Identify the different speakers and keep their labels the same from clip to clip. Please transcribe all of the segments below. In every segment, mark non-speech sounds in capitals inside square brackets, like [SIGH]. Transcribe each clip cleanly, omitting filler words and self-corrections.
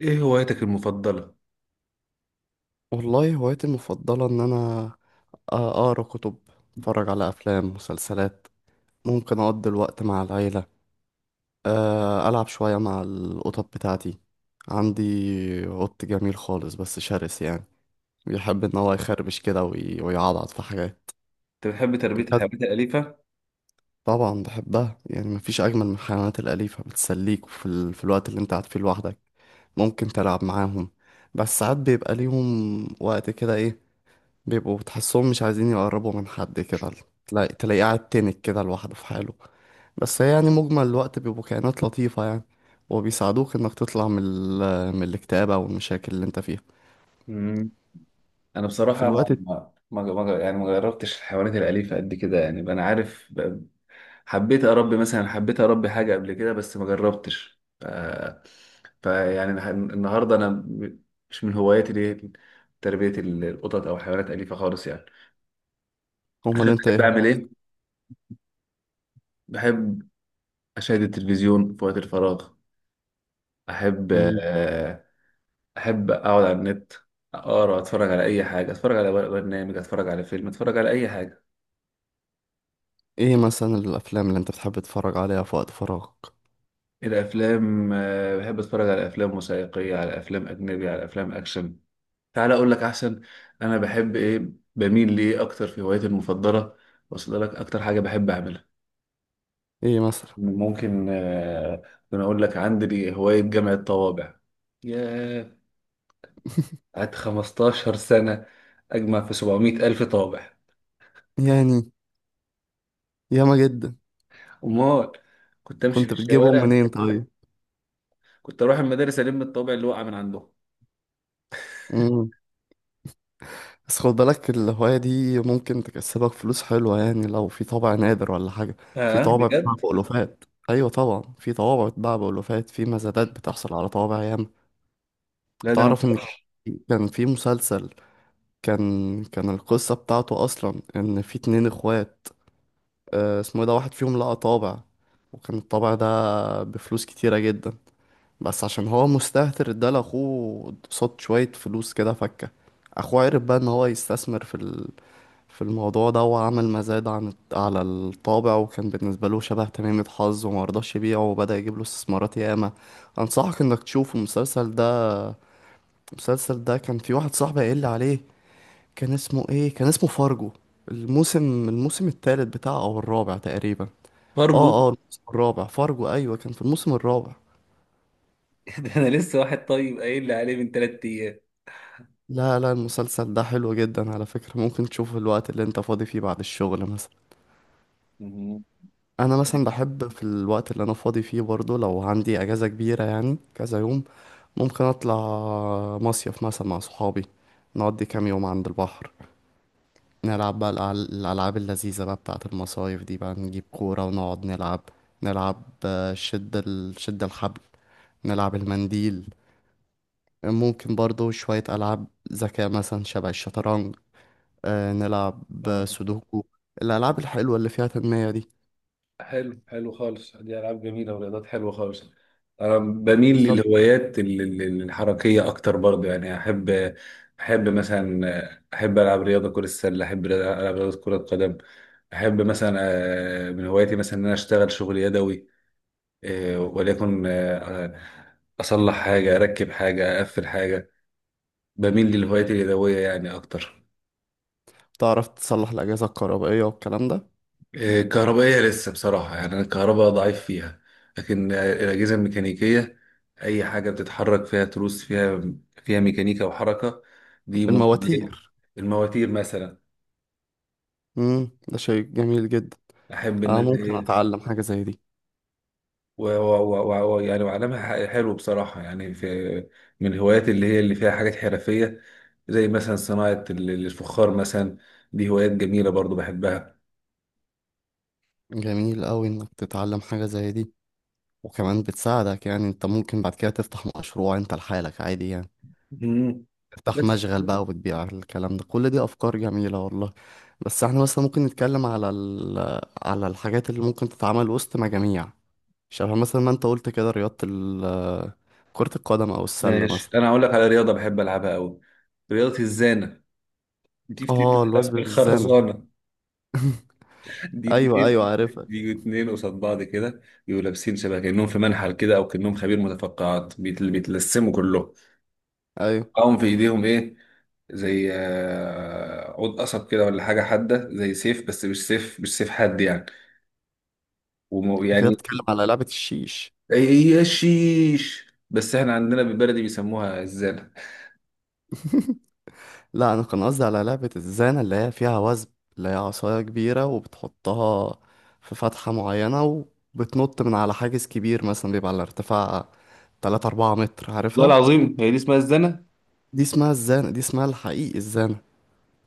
Speaker 1: ايه هوايتك المفضلة؟
Speaker 2: والله هوايتي المفضلة إن أنا أقرأ كتب، أتفرج على أفلام مسلسلات، ممكن أقضي الوقت مع العيلة، ألعب شوية مع القطط بتاعتي. عندي قط جميل خالص بس شرس يعني، بيحب إن هو يخربش كده ويعضعض في حاجات.
Speaker 1: انت بتحب تربية
Speaker 2: بس
Speaker 1: الحيوانات الأليفة؟
Speaker 2: طبعا بحبها، يعني مفيش أجمل من الحيوانات الأليفة، بتسليك في الوقت اللي أنت قاعد فيه لوحدك. ممكن تلعب معاهم. بس ساعات بيبقى ليهم وقت كده ايه، بيبقوا تحسهم مش عايزين يقربوا من حد كده، تلاقيه قاعد تنك كده لوحده في حاله. بس هي يعني مجمل الوقت بيبقوا كائنات لطيفة يعني، وبيساعدوك انك تطلع من الاكتئاب او المشاكل اللي انت فيها
Speaker 1: مم. انا
Speaker 2: في
Speaker 1: بصراحة
Speaker 2: الوقت.
Speaker 1: يعني ما جربتش الحيوانات الأليفة قد كده، يعني انا عارف حبيت اربي مثلا، حبيت اربي حاجة قبل كده بس ما جربتش. النهاردة انا مش من هواياتي دي تربية القطط او حيوانات أليفة خالص يعني.
Speaker 2: امال
Speaker 1: انا
Speaker 2: انت
Speaker 1: بحب
Speaker 2: ايه
Speaker 1: اعمل
Speaker 2: هو؟
Speaker 1: ايه؟ بحب اشاهد التلفزيون في وقت الفراغ، احب
Speaker 2: مم.
Speaker 1: احب اقعد على النت، اقرا، اتفرج على اي حاجه، اتفرج على برنامج، اتفرج على فيلم، اتفرج على اي حاجه.
Speaker 2: ايه مثلا الافلام اللي انت بتحب تتفرج عليها في وقت فراغك؟
Speaker 1: الافلام، بحب اتفرج على افلام وثائقيه، على افلام اجنبي، على افلام اكشن. تعال اقول لك احسن، انا بحب ايه، بميل ليه اكتر في هوايتي المفضله، واصل لك اكتر حاجه بحب اعملها.
Speaker 2: ايه مثلا؟
Speaker 1: ممكن، انا اقول لك، عندي هوايه جمع الطوابع. ياه، قعدت 15 سنه اجمع في 700 الف طابع.
Speaker 2: يعني ياما جدا.
Speaker 1: امال، كنت امشي في
Speaker 2: كنت بتجيبهم
Speaker 1: الشوارع،
Speaker 2: منين طيب؟
Speaker 1: كنت اروح المدارس الم الطابع اللي وقع من عندهم.
Speaker 2: بس خد بالك الهواية دي ممكن تكسبك فلوس حلوة، يعني لو في طابع نادر ولا حاجة. في
Speaker 1: اه،
Speaker 2: طوابع بتتباع
Speaker 1: بجد.
Speaker 2: بألوفات. أيوة طبعا، في طوابع بتتباع بألوفات، في مزادات بتحصل على طوابع ياما.
Speaker 1: لا، ده انا
Speaker 2: تعرف إن كان في مسلسل، كان القصة بتاعته أصلا إن في اتنين إخوات. اسمه إيه ده، واحد فيهم لقى طابع، وكان الطابع ده بفلوس كتيرة جدا. بس عشان هو مستهتر اداله أخوه قصاد شوية فلوس كده فكة. أخوه عرف بقى إن هو يستثمر في الموضوع ده، وعمل مزاد على الطابع، وكان بالنسبة له شبه تميمة حظ وما رضاش يبيعه، وبدأ يجيب له استثمارات ياما. أنصحك إنك تشوف المسلسل ده. المسلسل ده كان في واحد صاحبي قايل لي عليه. كان اسمه إيه، كان اسمه فارجو. الموسم التالت بتاعه أو الرابع تقريبا.
Speaker 1: فرجه.
Speaker 2: الموسم الرابع فارجو، أيوة كان في الموسم الرابع.
Speaker 1: [LAUGHS] ده انا لسه واحد طيب قايل لي عليه من ثلاث ايام.
Speaker 2: لا لا، المسلسل ده حلو جدا على فكرة، ممكن تشوفه الوقت اللي انت فاضي فيه بعد الشغل مثلا.
Speaker 1: مهم.
Speaker 2: انا مثلا بحب في الوقت اللي انا فاضي فيه برضو، لو عندي اجازة كبيرة يعني كذا يوم، ممكن اطلع مصيف مثلا مع صحابي، نقضي كام يوم عند البحر، نلعب بقى الالعاب اللذيذة بقى بتاعة المصايف دي، بقى نجيب كورة ونقعد نلعب شد الحبل، نلعب المنديل. ممكن برضو شوية العاب ذكاء مثلا، شبه الشطرنج، نلعب
Speaker 1: آه،
Speaker 2: سودوكو. الالعاب الحلوة اللي فيها تنمية دي.
Speaker 1: حلو، حلو خالص، دي العاب جميله ورياضات حلوه خالص. انا بميل
Speaker 2: بالظبط.
Speaker 1: للهوايات الحركيه اكتر برضو، يعني احب مثلا، احب العب رياضه كره السله، احب العب رياضه كره القدم. احب مثلا، من هواياتي مثلا ان انا اشتغل شغل يدوي. وليكن، أصلح حاجة، أركب حاجة، أقفل حاجة. بميل للهوايات اليدوية يعني أكتر.
Speaker 2: تعرف تصلح الأجهزة الكهربائية والكلام ده؟
Speaker 1: كهربائية لسه بصراحة، يعني أنا الكهرباء ضعيف فيها. لكن الأجهزة الميكانيكية، أي حاجة بتتحرك، فيها تروس، فيها فيها ميكانيكا وحركة، دي ممكن إيه؟
Speaker 2: المواتير.
Speaker 1: المواتير مثلا.
Speaker 2: امم، ده شيء جميل جدا،
Speaker 1: أحب إن
Speaker 2: انا
Speaker 1: أنا
Speaker 2: ممكن
Speaker 1: إيه،
Speaker 2: اتعلم حاجة زي دي.
Speaker 1: و و و و يعني وعلمها. حلو بصراحة، يعني في من الهوايات اللي هي اللي فيها حاجات حرفية، زي مثلا صناعة الفخار مثلا، دي هوايات جميلة برضو بحبها.
Speaker 2: جميل قوي انك تتعلم حاجة زي دي، وكمان بتساعدك يعني انت ممكن بعد كده تفتح مشروع انت لحالك عادي يعني،
Speaker 1: مم.
Speaker 2: تفتح
Speaker 1: بس
Speaker 2: مشغل بقى وتبيع الكلام ده، كل دي افكار جميلة والله. بس احنا مثلا ممكن نتكلم على الحاجات اللي ممكن تتعمل وسط مجاميع، شبه مثلا ما انت قلت كده كرة القدم او السلة
Speaker 1: ماشي،
Speaker 2: مثلا.
Speaker 1: أنا هقول لك على رياضة بحب ألعبها أوي، رياضة الزانة، دي
Speaker 2: اه،
Speaker 1: بتتلعب
Speaker 2: الوثب بالزانة.
Speaker 1: بالخرزانة. [LAUGHS] دي
Speaker 2: ايوه
Speaker 1: اتنين،
Speaker 2: ايوه عارفها.
Speaker 1: بيجوا اتنين قصاد بعض كده، يبقوا لابسين شبه كأنهم في منحل كده، أو كأنهم خبير متفقعات، بيتلسموا كلهم،
Speaker 2: ايوه.
Speaker 1: معاهم في ايديهم ايه، زي عود قصب كده، ولا حاجه حاده زي سيف، بس مش سيف، مش سيف حاد يعني.
Speaker 2: انت كده
Speaker 1: يعني
Speaker 2: بتتكلم على لعبة الشيش.
Speaker 1: اي. يا شيش، بس احنا عندنا بالبلدي بيسموها الزانه.
Speaker 2: لا، انا كان قصدي على لعبة الزانة اللي هي فيها وثب، اللي هي عصاية كبيرة وبتحطها في فتحة معينة، وبتنط من على حاجز كبير مثلا بيبقى على ارتفاع 3 4 متر، عارفها.
Speaker 1: والله العظيم هي دي اسمها الزنا.
Speaker 2: دي اسمها الزانة، دي اسمها الحقيقي الزانة،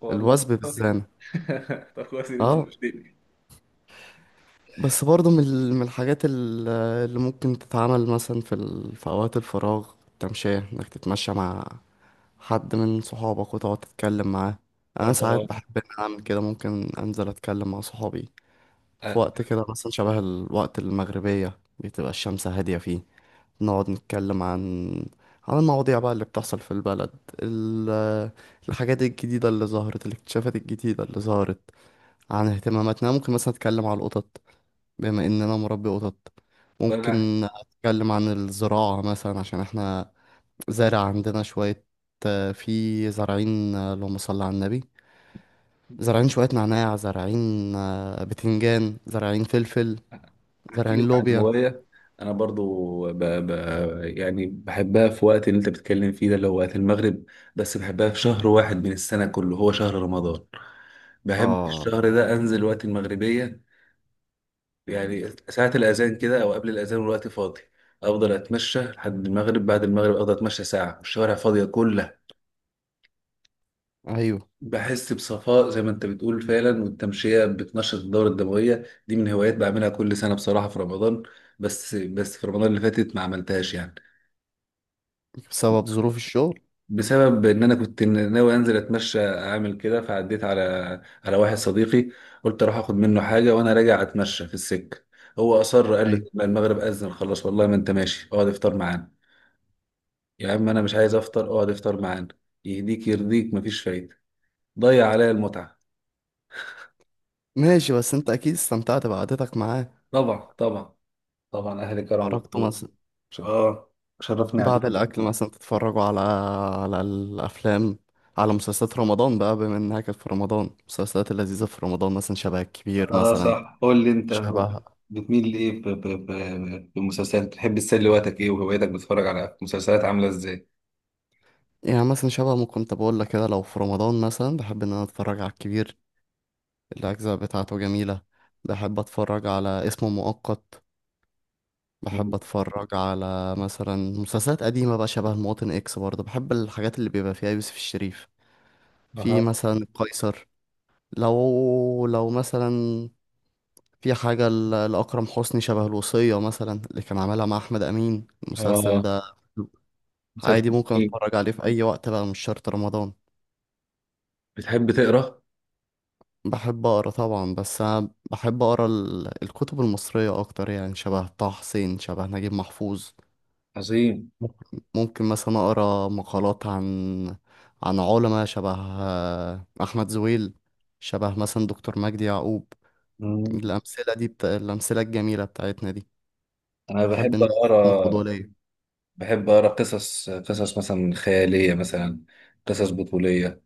Speaker 1: والله
Speaker 2: الوثب
Speaker 1: [LAUGHS]
Speaker 2: بالزانة.
Speaker 1: طب كويس ان انت
Speaker 2: اه.
Speaker 1: شفتني.
Speaker 2: بس برضه من الحاجات اللي ممكن تتعمل مثلا في اوقات الفراغ، التمشية انك تتمشى مع حد من صحابك وتقعد تتكلم معاه. انا ساعات
Speaker 1: اه.
Speaker 2: بحب ان أنا اعمل كده، ممكن انزل اتكلم مع صحابي في
Speaker 1: آه،
Speaker 2: وقت كده مثلا شبه الوقت المغربية بتبقى الشمس هادية فيه، نقعد نتكلم عن المواضيع بقى اللي بتحصل في البلد، ال... الحاجات الجديدة اللي ظهرت، الاكتشافات الجديدة اللي ظهرت، عن اهتماماتنا. ممكن مثلا أتكلم عن القطط بما إن أنا مربي قطط.
Speaker 1: وانا
Speaker 2: ممكن أتكلم عن الزراعة مثلا، عشان احنا زارع عندنا شوية، في زارعين، اللهم صل على النبي، زارعين شوية نعناع، زارعين بتنجان، زارعين فلفل،
Speaker 1: احكي لك
Speaker 2: زرعين
Speaker 1: عن
Speaker 2: لوبيا.
Speaker 1: هوايه، انا برضو يعني بحبها في وقت اللي انت بتتكلم فيه ده، اللي هو وقت المغرب. بس بحبها في شهر واحد من السنه كله، هو شهر رمضان. بحب في
Speaker 2: اه.
Speaker 1: الشهر ده انزل وقت المغربيه، يعني ساعه الاذان كده، او قبل الاذان والوقت فاضي، افضل اتمشى لحد المغرب. بعد المغرب افضل اتمشى ساعه والشوارع فاضيه كلها،
Speaker 2: ايوه،
Speaker 1: بحس بصفاء زي ما انت بتقول فعلا، والتمشيه بتنشط الدوره الدمويه. دي من هوايات بعملها كل سنه بصراحه في رمضان. بس في رمضان اللي فاتت ما عملتهاش يعني،
Speaker 2: بسبب ظروف الشغل.
Speaker 1: بسبب ان انا كنت ناوي انزل اتمشى اعمل كده، فعديت على واحد صديقي، قلت اروح اخد منه حاجه وانا راجع اتمشى في السكه. هو اصر، قال لي:
Speaker 2: ايوه
Speaker 1: "لا، المغرب اذن خلاص، والله ما انت ماشي، اقعد افطر معانا". يا عم انا مش عايز افطر. اقعد افطر معانا، يهديك يرضيك، مفيش فايده. ضيع عليا المتعه.
Speaker 2: ماشي، بس انت اكيد استمتعت بقعدتك معاه.
Speaker 1: طبعا، طبعا، طبعا، اهلي كرم
Speaker 2: خرجتوا
Speaker 1: مطلوب.
Speaker 2: مثلا
Speaker 1: اه شرفني قعدتك.
Speaker 2: بعد الاكل مثلا تتفرجوا على الافلام على مسلسلات رمضان بقى بما انها كانت في رمضان، المسلسلات اللذيذه في رمضان مثلا شبه الكبير
Speaker 1: اه،
Speaker 2: مثلا.
Speaker 1: صح، قول لي انت
Speaker 2: شبه
Speaker 1: بتميل لايه في المسلسلات، بتحب تسلي وقتك ايه، وهوايتك بتتفرج على مسلسلات عامله ازاي؟
Speaker 2: يعني مثلا شبه ما كنت بقول لك كده، لو في رمضان مثلا بحب ان انا اتفرج على الكبير، الاجزاء بتاعته جميله. بحب اتفرج على اسمه مؤقت. بحب اتفرج على مثلا مسلسلات قديمة بقى، شبه المواطن اكس، برضه بحب الحاجات اللي بيبقى فيها يوسف الشريف، في
Speaker 1: أها.
Speaker 2: مثلا القيصر. لو مثلا في حاجة لأكرم حسني، شبه الوصية مثلا اللي كان عاملها مع أحمد أمين، المسلسل
Speaker 1: آه،
Speaker 2: ده
Speaker 1: مسلسل
Speaker 2: عادي ممكن
Speaker 1: إيه؟
Speaker 2: اتفرج عليه في أي وقت بقى مش شرط رمضان.
Speaker 1: بتحب تقرأ؟
Speaker 2: بحب أقرأ طبعا، بس أنا بحب أقرأ الكتب المصرية أكتر يعني، شبه طه حسين، شبه نجيب محفوظ.
Speaker 1: عظيم.
Speaker 2: ممكن مثلا اقرا مقالات عن علماء شبه احمد زويل، شبه مثلا دكتور مجدي يعقوب.
Speaker 1: مم.
Speaker 2: الامثله الجميله بتاعتنا دي،
Speaker 1: أنا
Speaker 2: بحب ان
Speaker 1: بحب
Speaker 2: أنا اخدهم قدوه
Speaker 1: أقرأ.
Speaker 2: ليا.
Speaker 1: بحب أقرأ قصص، قصص مثلا خيالية، مثلا قصص بطولية.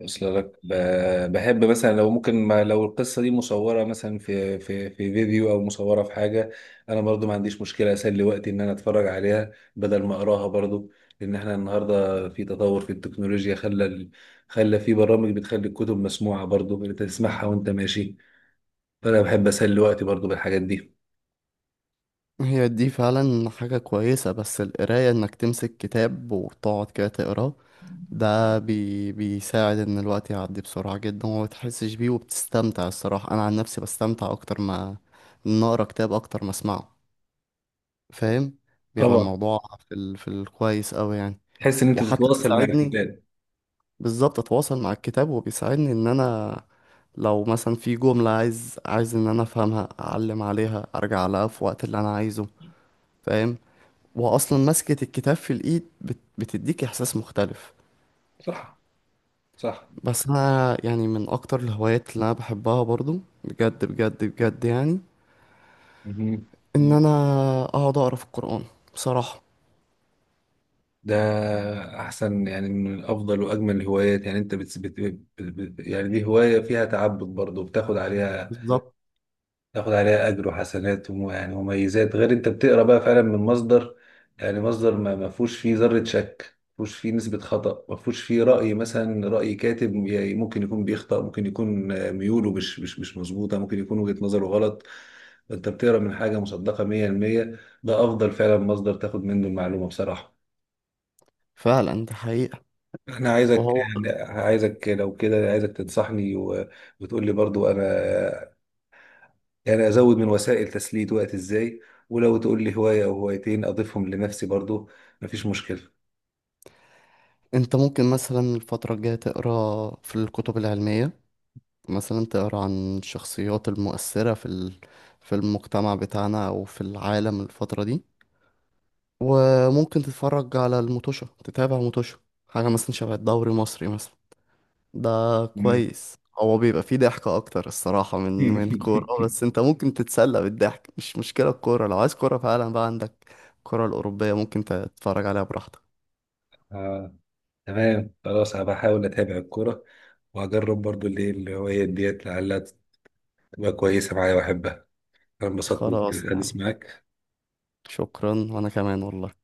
Speaker 1: وصل لك، بحب مثلا لو ممكن، ما لو القصة دي مصورة مثلا في فيديو، أو مصورة في حاجة، أنا برضو ما عنديش مشكلة أسلي وقتي إن أنا أتفرج عليها بدل ما أقراها برضو. لأن إحنا النهاردة في تطور في التكنولوجيا، خلى خلى في برامج بتخلي الكتب مسموعة برضو، أنت تسمعها وأنت ماشي. انا بحب اسلي وقتي برضو بالحاجات دي.
Speaker 2: هي دي فعلا حاجه كويسه، بس القرايه انك تمسك كتاب وتقعد كده تقراه ده بيساعد ان الوقت يعدي بسرعه جدا وما بتحسش بيه، وبتستمتع الصراحه. انا عن نفسي بستمتع اكتر ما، ان اقرا كتاب اكتر ما اسمعه. فاهم. بيبقى
Speaker 1: طبعا.
Speaker 2: الموضوع في الكويس أوي يعني.
Speaker 1: تحس ان انت
Speaker 2: وحتى
Speaker 1: تتواصل مع
Speaker 2: بيساعدني.
Speaker 1: الكتاب.
Speaker 2: بالظبط أتواصل مع الكتاب، وبيساعدني إن أنا لو مثلا في جملة عايز إن أنا أفهمها أعلم عليها، أرجع لها في وقت اللي أنا عايزه. فاهم. وأصلا مسكة الكتاب في الإيد بتديك إحساس مختلف.
Speaker 1: صح. صح.
Speaker 2: بس أنا يعني من أكتر الهوايات اللي أنا بحبها برضو، بجد بجد بجد يعني،
Speaker 1: مهم.
Speaker 2: إن أنا أقعد أقرأ في القرآن بصراحة.
Speaker 1: ده احسن يعني، من افضل واجمل الهوايات، يعني انت يعني دي هوايه فيها تعبد برضو، بتاخد عليها،
Speaker 2: بالظبط.
Speaker 1: تاخد عليها اجر وحسنات يعني مميزات، غير انت بتقرا بقى فعلا من مصدر، يعني مصدر ما فيهوش فيه ذره شك، ما فيهوش فيه نسبه خطا، ما فيهوش فيه راي مثلا راي كاتب، يعني ممكن يكون بيخطأ، ممكن يكون ميوله مش مظبوطه، ممكن يكون وجهه نظره غلط. انت بتقرا من حاجه مصدقه 100%، ده افضل فعلا مصدر تاخد منه المعلومه بصراحه.
Speaker 2: فعلا دي حقيقة.
Speaker 1: انا عايزك،
Speaker 2: وهو.
Speaker 1: عايزك لو كده عايزك تنصحني وتقول لي برضو انا يعني ازود من وسائل تسليه وقت ازاي، ولو تقول لي هوايه او هوايتين اضيفهم لنفسي برضو مفيش مشكله.
Speaker 2: انت ممكن مثلا الفترة الجاية تقرا في الكتب العلمية، مثلا تقرا عن الشخصيات المؤثرة في المجتمع بتاعنا او في العالم الفترة دي. وممكن تتفرج على الموتوشة، تتابع موتوشة حاجة مثلا شبه الدوري المصري مثلا. ده
Speaker 1: مم.
Speaker 2: كويس، هو بيبقى فيه ضحكة أكتر الصراحة من كورة،
Speaker 1: [LAUGHS]
Speaker 2: بس أنت ممكن تتسلى بالضحك مش مشكلة. الكورة لو عايز كورة فعلا بقى عندك الكرة الأوروبية، ممكن تتفرج عليها براحتك.
Speaker 1: آه، تمام، خلاص، انا بحاول اتابع الكوره، وهجرب برضو اللي هي الهوايات ديت، لعلها تبقى كويسه معايا واحبها. انا انبسطت
Speaker 2: خلاص
Speaker 1: بالحديث
Speaker 2: يعني.
Speaker 1: معاك.
Speaker 2: شكرا وأنا كمان والله.